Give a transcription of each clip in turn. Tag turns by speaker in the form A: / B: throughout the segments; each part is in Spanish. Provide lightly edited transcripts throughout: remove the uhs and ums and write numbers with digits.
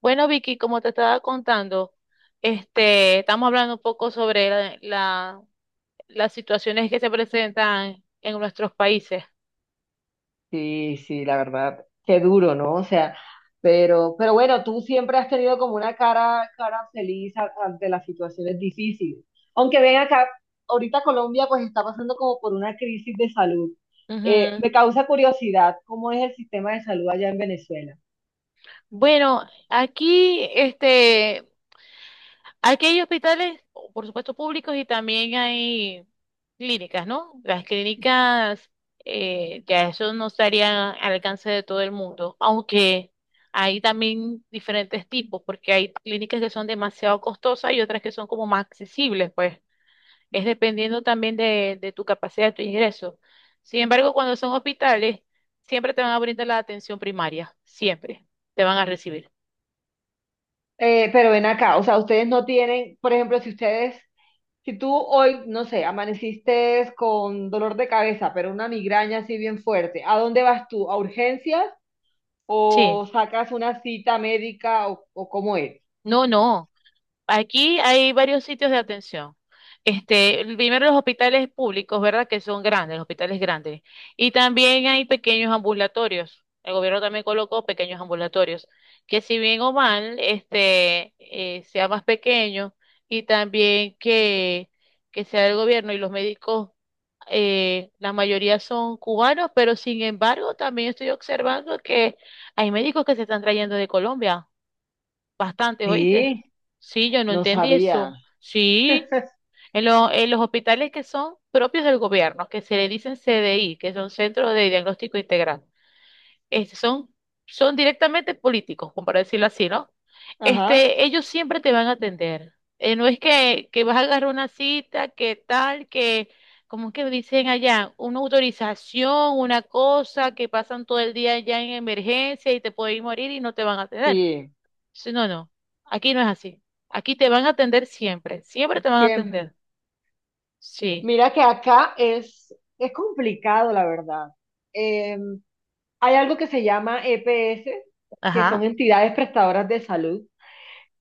A: Bueno, Vicky, como te estaba contando, estamos hablando un poco sobre las situaciones que se presentan en nuestros países.
B: Sí, sí, la verdad, qué duro, ¿no? O sea, pero bueno, tú siempre has tenido como una cara, cara feliz ante las situaciones difíciles. Aunque ven acá, ahorita Colombia pues está pasando como por una crisis de salud.
A: Ujú.
B: Me causa curiosidad cómo es el sistema de salud allá en Venezuela.
A: Bueno, aquí, este, Aquí hay hospitales, por supuesto, públicos y también hay clínicas, ¿no? Las clínicas, ya eso no estaría al alcance de todo el mundo, aunque hay también diferentes tipos, porque hay clínicas que son demasiado costosas y otras que son como más accesibles, pues es dependiendo también de tu capacidad, de tu ingreso. Sin embargo, cuando son hospitales, siempre te van a brindar la atención primaria, siempre te van a recibir.
B: Pero ven acá, o sea, ustedes no tienen, por ejemplo, si tú hoy, no sé, amaneciste con dolor de cabeza, pero una migraña así bien fuerte, ¿a dónde vas tú? ¿A urgencias?
A: Sí,
B: O sacas una cita médica o cómo es.
A: no, no. Aquí hay varios sitios de atención. El primero los hospitales públicos, ¿verdad? Que son grandes, los hospitales grandes. Y también hay pequeños ambulatorios. El gobierno también colocó pequeños ambulatorios, que si bien o mal, sea más pequeño y también que sea el gobierno y los médicos, la mayoría son cubanos, pero sin embargo también estoy observando que hay médicos que se están trayendo de Colombia. Bastante, ¿oíste?
B: Sí,
A: Sí, yo no
B: no
A: entendí
B: sabía.
A: eso. Sí, en los hospitales que son propios del gobierno, que se le dicen CDI, que son Centros de Diagnóstico Integral, este, son, son, directamente políticos, como para decirlo así, ¿no?
B: Ajá,
A: Ellos siempre te van a atender. No es que vas a agarrar una cita, que tal, que, como es que dicen allá, una autorización, una cosa, que pasan todo el día allá en emergencia y te pueden morir y no te van a atender.
B: sí,
A: Sí, no, no. Aquí no es así. Aquí te van a atender siempre. Siempre te van a
B: siempre.
A: atender. Sí.
B: Mira que acá es complicado, la verdad. Eh, hay algo que se llama EPS, que son
A: Ajá.
B: entidades prestadoras de salud.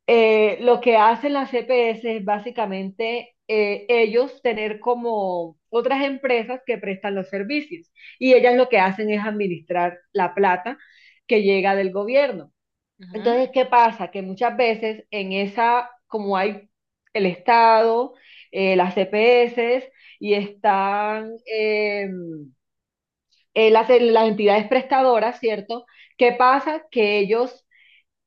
B: Lo que hacen las EPS es básicamente ellos tener como otras empresas que prestan los servicios y ellas lo que hacen es administrar la plata que llega del gobierno.
A: Ujú.
B: Entonces, ¿qué pasa? Que muchas veces en esa, como hay el Estado, las CPS y están las entidades prestadoras, ¿cierto? ¿Qué pasa? Que ellos,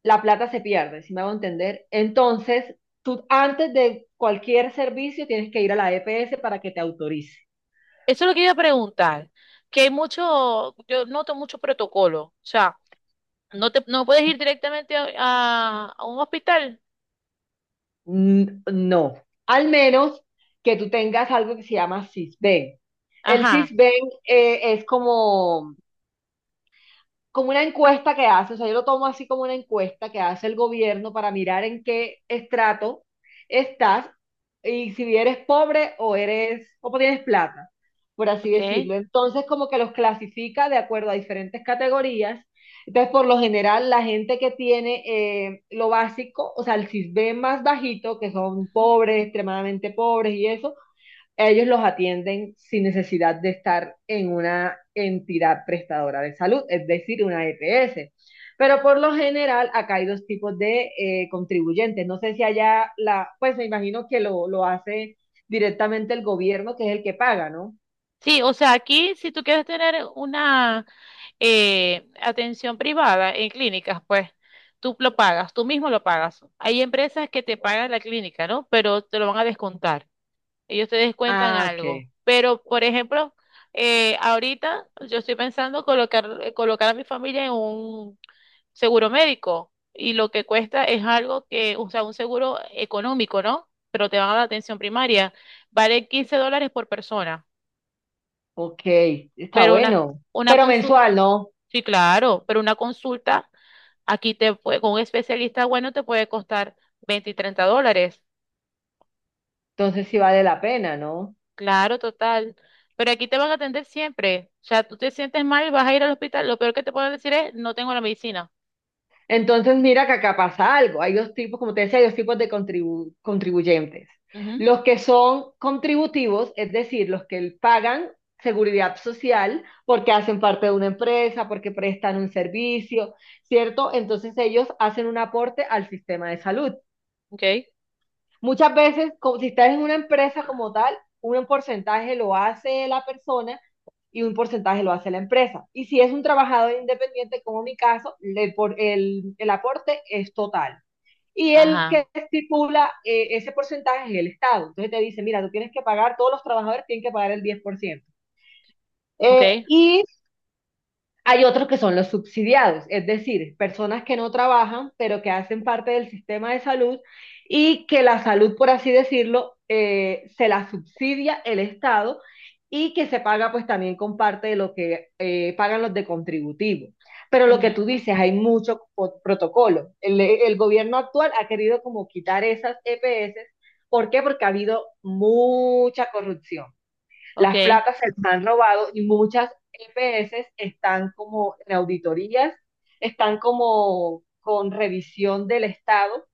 B: la plata se pierde, si me hago entender. Entonces, tú antes de cualquier servicio tienes que ir a la EPS para que te autorice.
A: Eso es lo que iba a preguntar. Que hay mucho, yo noto mucho protocolo. O sea, no puedes ir directamente a un hospital.
B: No, al menos que tú tengas algo que se llama SISBEN. El
A: Ajá.
B: SISBEN es como como una encuesta que hace, o sea, yo lo tomo así como una encuesta que hace el gobierno para mirar en qué estrato estás y si eres pobre o eres, o tienes plata, por así
A: Ok.
B: decirlo. Entonces, como que los clasifica de acuerdo a diferentes categorías. Entonces, por lo general, la gente que tiene lo básico, o sea, el CISBEN más bajito, que son
A: Ujú.
B: pobres, extremadamente pobres y eso, ellos los atienden sin necesidad de estar en una entidad prestadora de salud, es decir, una EPS. Pero por lo general, acá hay dos tipos de contribuyentes. No sé si allá la, pues me imagino que lo hace directamente el gobierno, que es el que paga, ¿no?
A: Sí, o sea, aquí si tú quieres tener una atención privada en clínicas, pues tú lo pagas, tú mismo lo pagas. Hay empresas que te pagan la clínica, ¿no? Pero te lo van a descontar. Ellos te descuentan
B: Ah,
A: algo.
B: ok,
A: Pero, por ejemplo, ahorita yo estoy pensando colocar a mi familia en un seguro médico y lo que cuesta es algo que, o sea, un seguro económico, ¿no? Pero te van a dar atención primaria. Vale $15 por persona,
B: ok, está
A: pero una,
B: bueno.
A: una
B: Pero
A: consulta,
B: mensual, ¿no?
A: sí, claro, pero una consulta aquí te puede, con un especialista bueno te puede costar 20 y 30 dólares.
B: Entonces sí vale la pena, ¿no?
A: Claro, total. Pero aquí te van a atender siempre. O sea, tú te sientes mal y vas a ir al hospital. Lo peor que te pueden decir es, no tengo la medicina.
B: Entonces, mira que acá pasa algo. Hay dos tipos, como te decía, hay dos tipos de contribuyentes.
A: Ujú,
B: Los que son contributivos, es decir, los que pagan seguridad social porque hacen parte de una empresa, porque prestan un servicio, ¿cierto? Entonces ellos hacen un aporte al sistema de salud.
A: ok.
B: Muchas veces, como si estás en una empresa como tal, un porcentaje lo hace la persona y un porcentaje lo hace la empresa. Y si es un trabajador independiente, como mi caso, el aporte es total y el
A: Ajá,
B: que estipula ese porcentaje es el Estado. Entonces te dice, mira, tú tienes que pagar, todos los trabajadores tienen que pagar el 10%. Eh,
A: ok,
B: y hay otros que son los subsidiados, es decir, personas que no trabajan, pero que hacen parte del sistema de salud y que la salud, por así decirlo, se la subsidia el Estado y que se paga pues también con parte de lo que pagan los de contributivo. Pero lo que tú
A: ujú.
B: dices, hay mucho protocolo. El gobierno actual ha querido como quitar esas EPS. ¿Por qué? Porque ha habido mucha corrupción. Las
A: Ok.
B: placas se las han robado y muchas EPS están como en auditorías, están como con revisión del Estado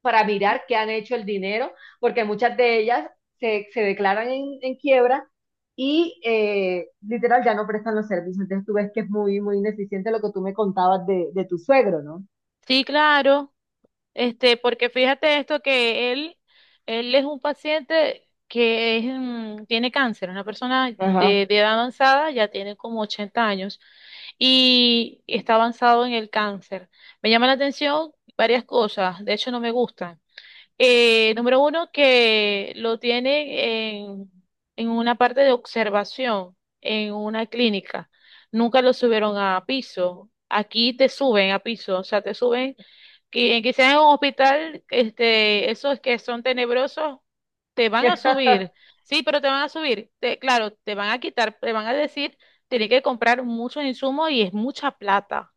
B: para mirar qué han hecho el dinero, porque muchas de ellas se declaran en quiebra y literal ya no prestan los servicios. Entonces tú ves que es muy, muy ineficiente lo que tú me contabas de tu suegro, ¿no?
A: Sí, claro. Porque fíjate esto que él es un paciente que tiene cáncer, una persona de,
B: Ajá.
A: de edad avanzada, ya tiene como 80 años y está avanzado en el cáncer. Me llama la atención varias cosas, de hecho no me gustan. Número uno, que lo tienen en una parte de observación, en una clínica. Nunca lo subieron a piso. Aquí te suben a piso, o sea, te suben, quizás en un hospital, esos que son tenebrosos, te van a subir. Sí, pero te van a subir. Claro, te van a quitar, te van a decir, tienes que comprar muchos insumos y es mucha plata,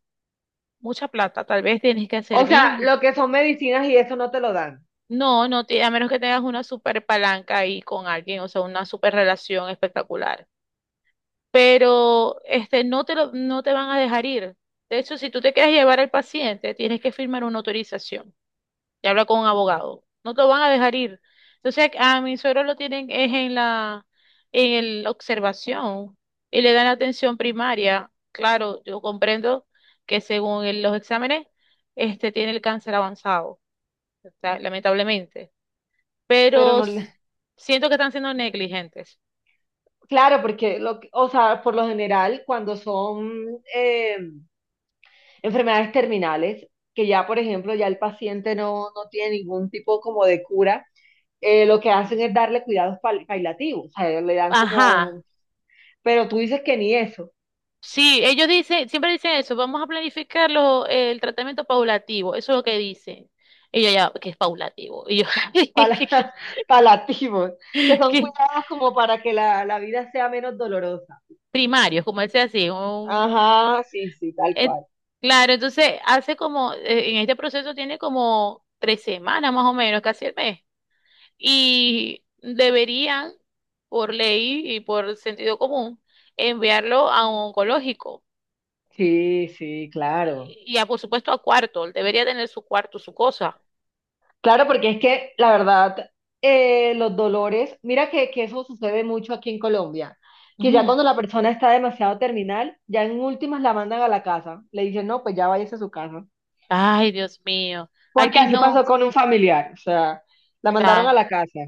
A: mucha plata. Tal vez tienes que
B: O
A: servir.
B: sea, lo que son medicinas y eso no te lo dan,
A: No, no, a menos que tengas una super palanca ahí con alguien, o sea, una super relación espectacular. Pero no te van a dejar ir. De hecho, si tú te quieres llevar al paciente, tienes que firmar una autorización y habla con un abogado. No te lo van a dejar ir. Entonces, a mi suegro lo tienen es en la observación y le dan atención primaria. Claro, yo comprendo que según los exámenes, este tiene el cáncer avanzado, o sea, lamentablemente
B: pero
A: pero
B: no.
A: siento que están siendo negligentes.
B: Claro, porque o sea, por lo general, cuando son enfermedades terminales, que ya, por ejemplo, ya el paciente no tiene ningún tipo como de cura, lo que hacen es darle cuidados paliativos, o sea, le dan
A: Ajá,
B: como, pero tú dices que ni eso,
A: sí, ellos dicen, siempre dicen eso, vamos a planificar el tratamiento paulativo, eso es lo que dicen. Y yo ya, que es paulativo. Y yo,
B: pala- paliativos, que son
A: que
B: cuidados como para que la vida sea menos dolorosa.
A: primario, como dice así.
B: Ajá, sí, sí, tal
A: Eh,
B: cual.
A: claro, entonces hace como, en este proceso tiene como 3 semanas más o menos, casi el mes. Y deberían, por ley y por sentido común, enviarlo a un oncológico.
B: Sí, sí, claro.
A: Y, por supuesto a cuarto, él debería tener su cuarto, su cosa.
B: Claro, porque es que la verdad, los dolores, mira que eso sucede mucho aquí en Colombia, que ya
A: Ujú.
B: cuando la persona está demasiado terminal, ya en últimas la mandan a la casa, le dicen, no, pues ya váyase a su casa,
A: Ay, Dios mío.
B: porque
A: Aquí
B: así
A: no,
B: pasó con un familiar, o sea, la mandaron a
A: claro,
B: la casa.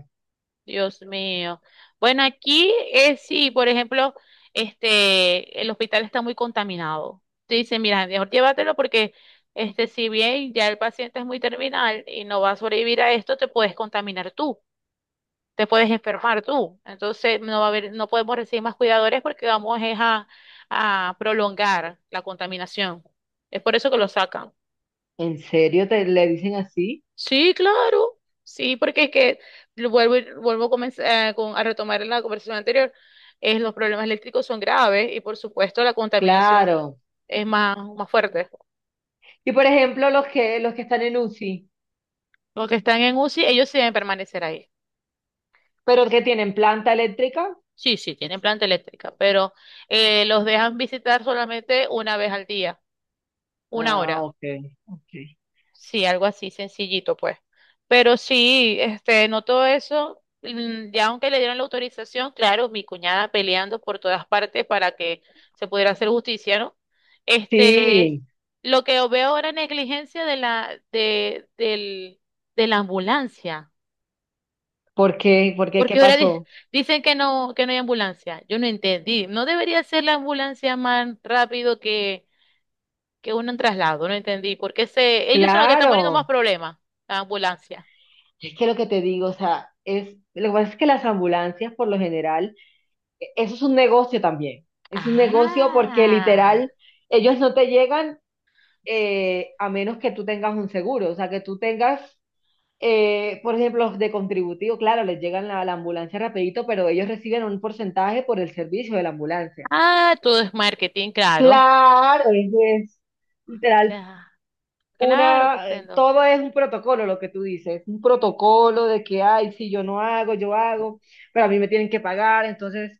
A: Dios mío. Bueno, aquí es sí, por ejemplo, el hospital está muy contaminado. Te dicen, mira, mejor llévatelo porque, si bien ya el paciente es muy terminal y no va a sobrevivir a esto, te puedes contaminar tú. Te puedes enfermar tú. Entonces no podemos recibir más cuidadores porque vamos es a prolongar la contaminación. Es por eso que lo sacan.
B: ¿En serio te le dicen así?
A: Sí, claro. Sí, porque es que vuelvo a comenzar, a retomar la conversación anterior. Los problemas eléctricos son graves y por supuesto la contaminación
B: Claro.
A: es más, más fuerte.
B: Y por ejemplo, los que están en UCI,
A: Los que están en UCI, ellos sí deben permanecer ahí.
B: pero que tienen planta eléctrica.
A: Sí, sí, tienen planta eléctrica, pero los dejan visitar solamente una vez al día, una
B: Ah,
A: hora.
B: ok, ok.
A: Sí, algo así sencillito, pues. Pero sí, no todo eso, ya aunque le dieron la autorización, claro, mi cuñada peleando por todas partes para que se pudiera hacer justicia, ¿no? Este,
B: Sí,
A: lo que veo ahora es negligencia de la ambulancia.
B: ¿por qué? ¿Por qué? ¿Qué
A: Porque ahora
B: pasó?
A: dicen que no hay ambulancia. Yo no entendí. ¿No debería ser la ambulancia más rápido que uno en traslado? No entendí, porque ellos son los que están poniendo más
B: Claro.
A: problemas, la ambulancia.
B: Es que lo que te digo, o sea, es, lo que pasa es que las ambulancias, por lo general, eso es un negocio también. Es un negocio porque
A: Ah,
B: literal, ellos no te llegan a menos que tú tengas un seguro, o sea, que tú tengas, por ejemplo, los de contributivo, claro, les llegan la ambulancia rapidito, pero ellos reciben un porcentaje por el servicio de la ambulancia.
A: ah, todo es marketing, claro.
B: Claro, es literal
A: Ya, claro,
B: una,
A: comprendo.
B: todo es un protocolo, lo que tú dices, un protocolo de que, ay, si yo no hago, yo hago, pero a mí me tienen que pagar, entonces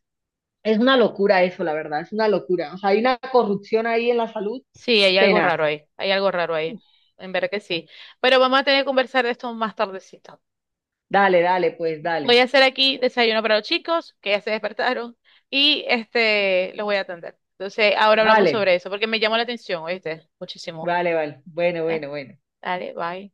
B: es una locura eso, la verdad, es una locura. O sea, hay una corrupción ahí en la salud
A: Sí, hay algo
B: tenaz.
A: raro ahí, hay algo raro ahí, en verdad que sí. Pero vamos a tener que conversar de esto más tardecito.
B: Dale, dale, pues
A: Voy
B: dale.
A: a hacer aquí desayuno para los chicos, que ya se despertaron, y los voy a atender. Entonces, ahora hablamos
B: Vale,
A: sobre eso, porque me llamó la atención, ¿oíste? Muchísimo.
B: vale, vale. Bueno,
A: Dale,
B: bueno, bueno.
A: dale, bye.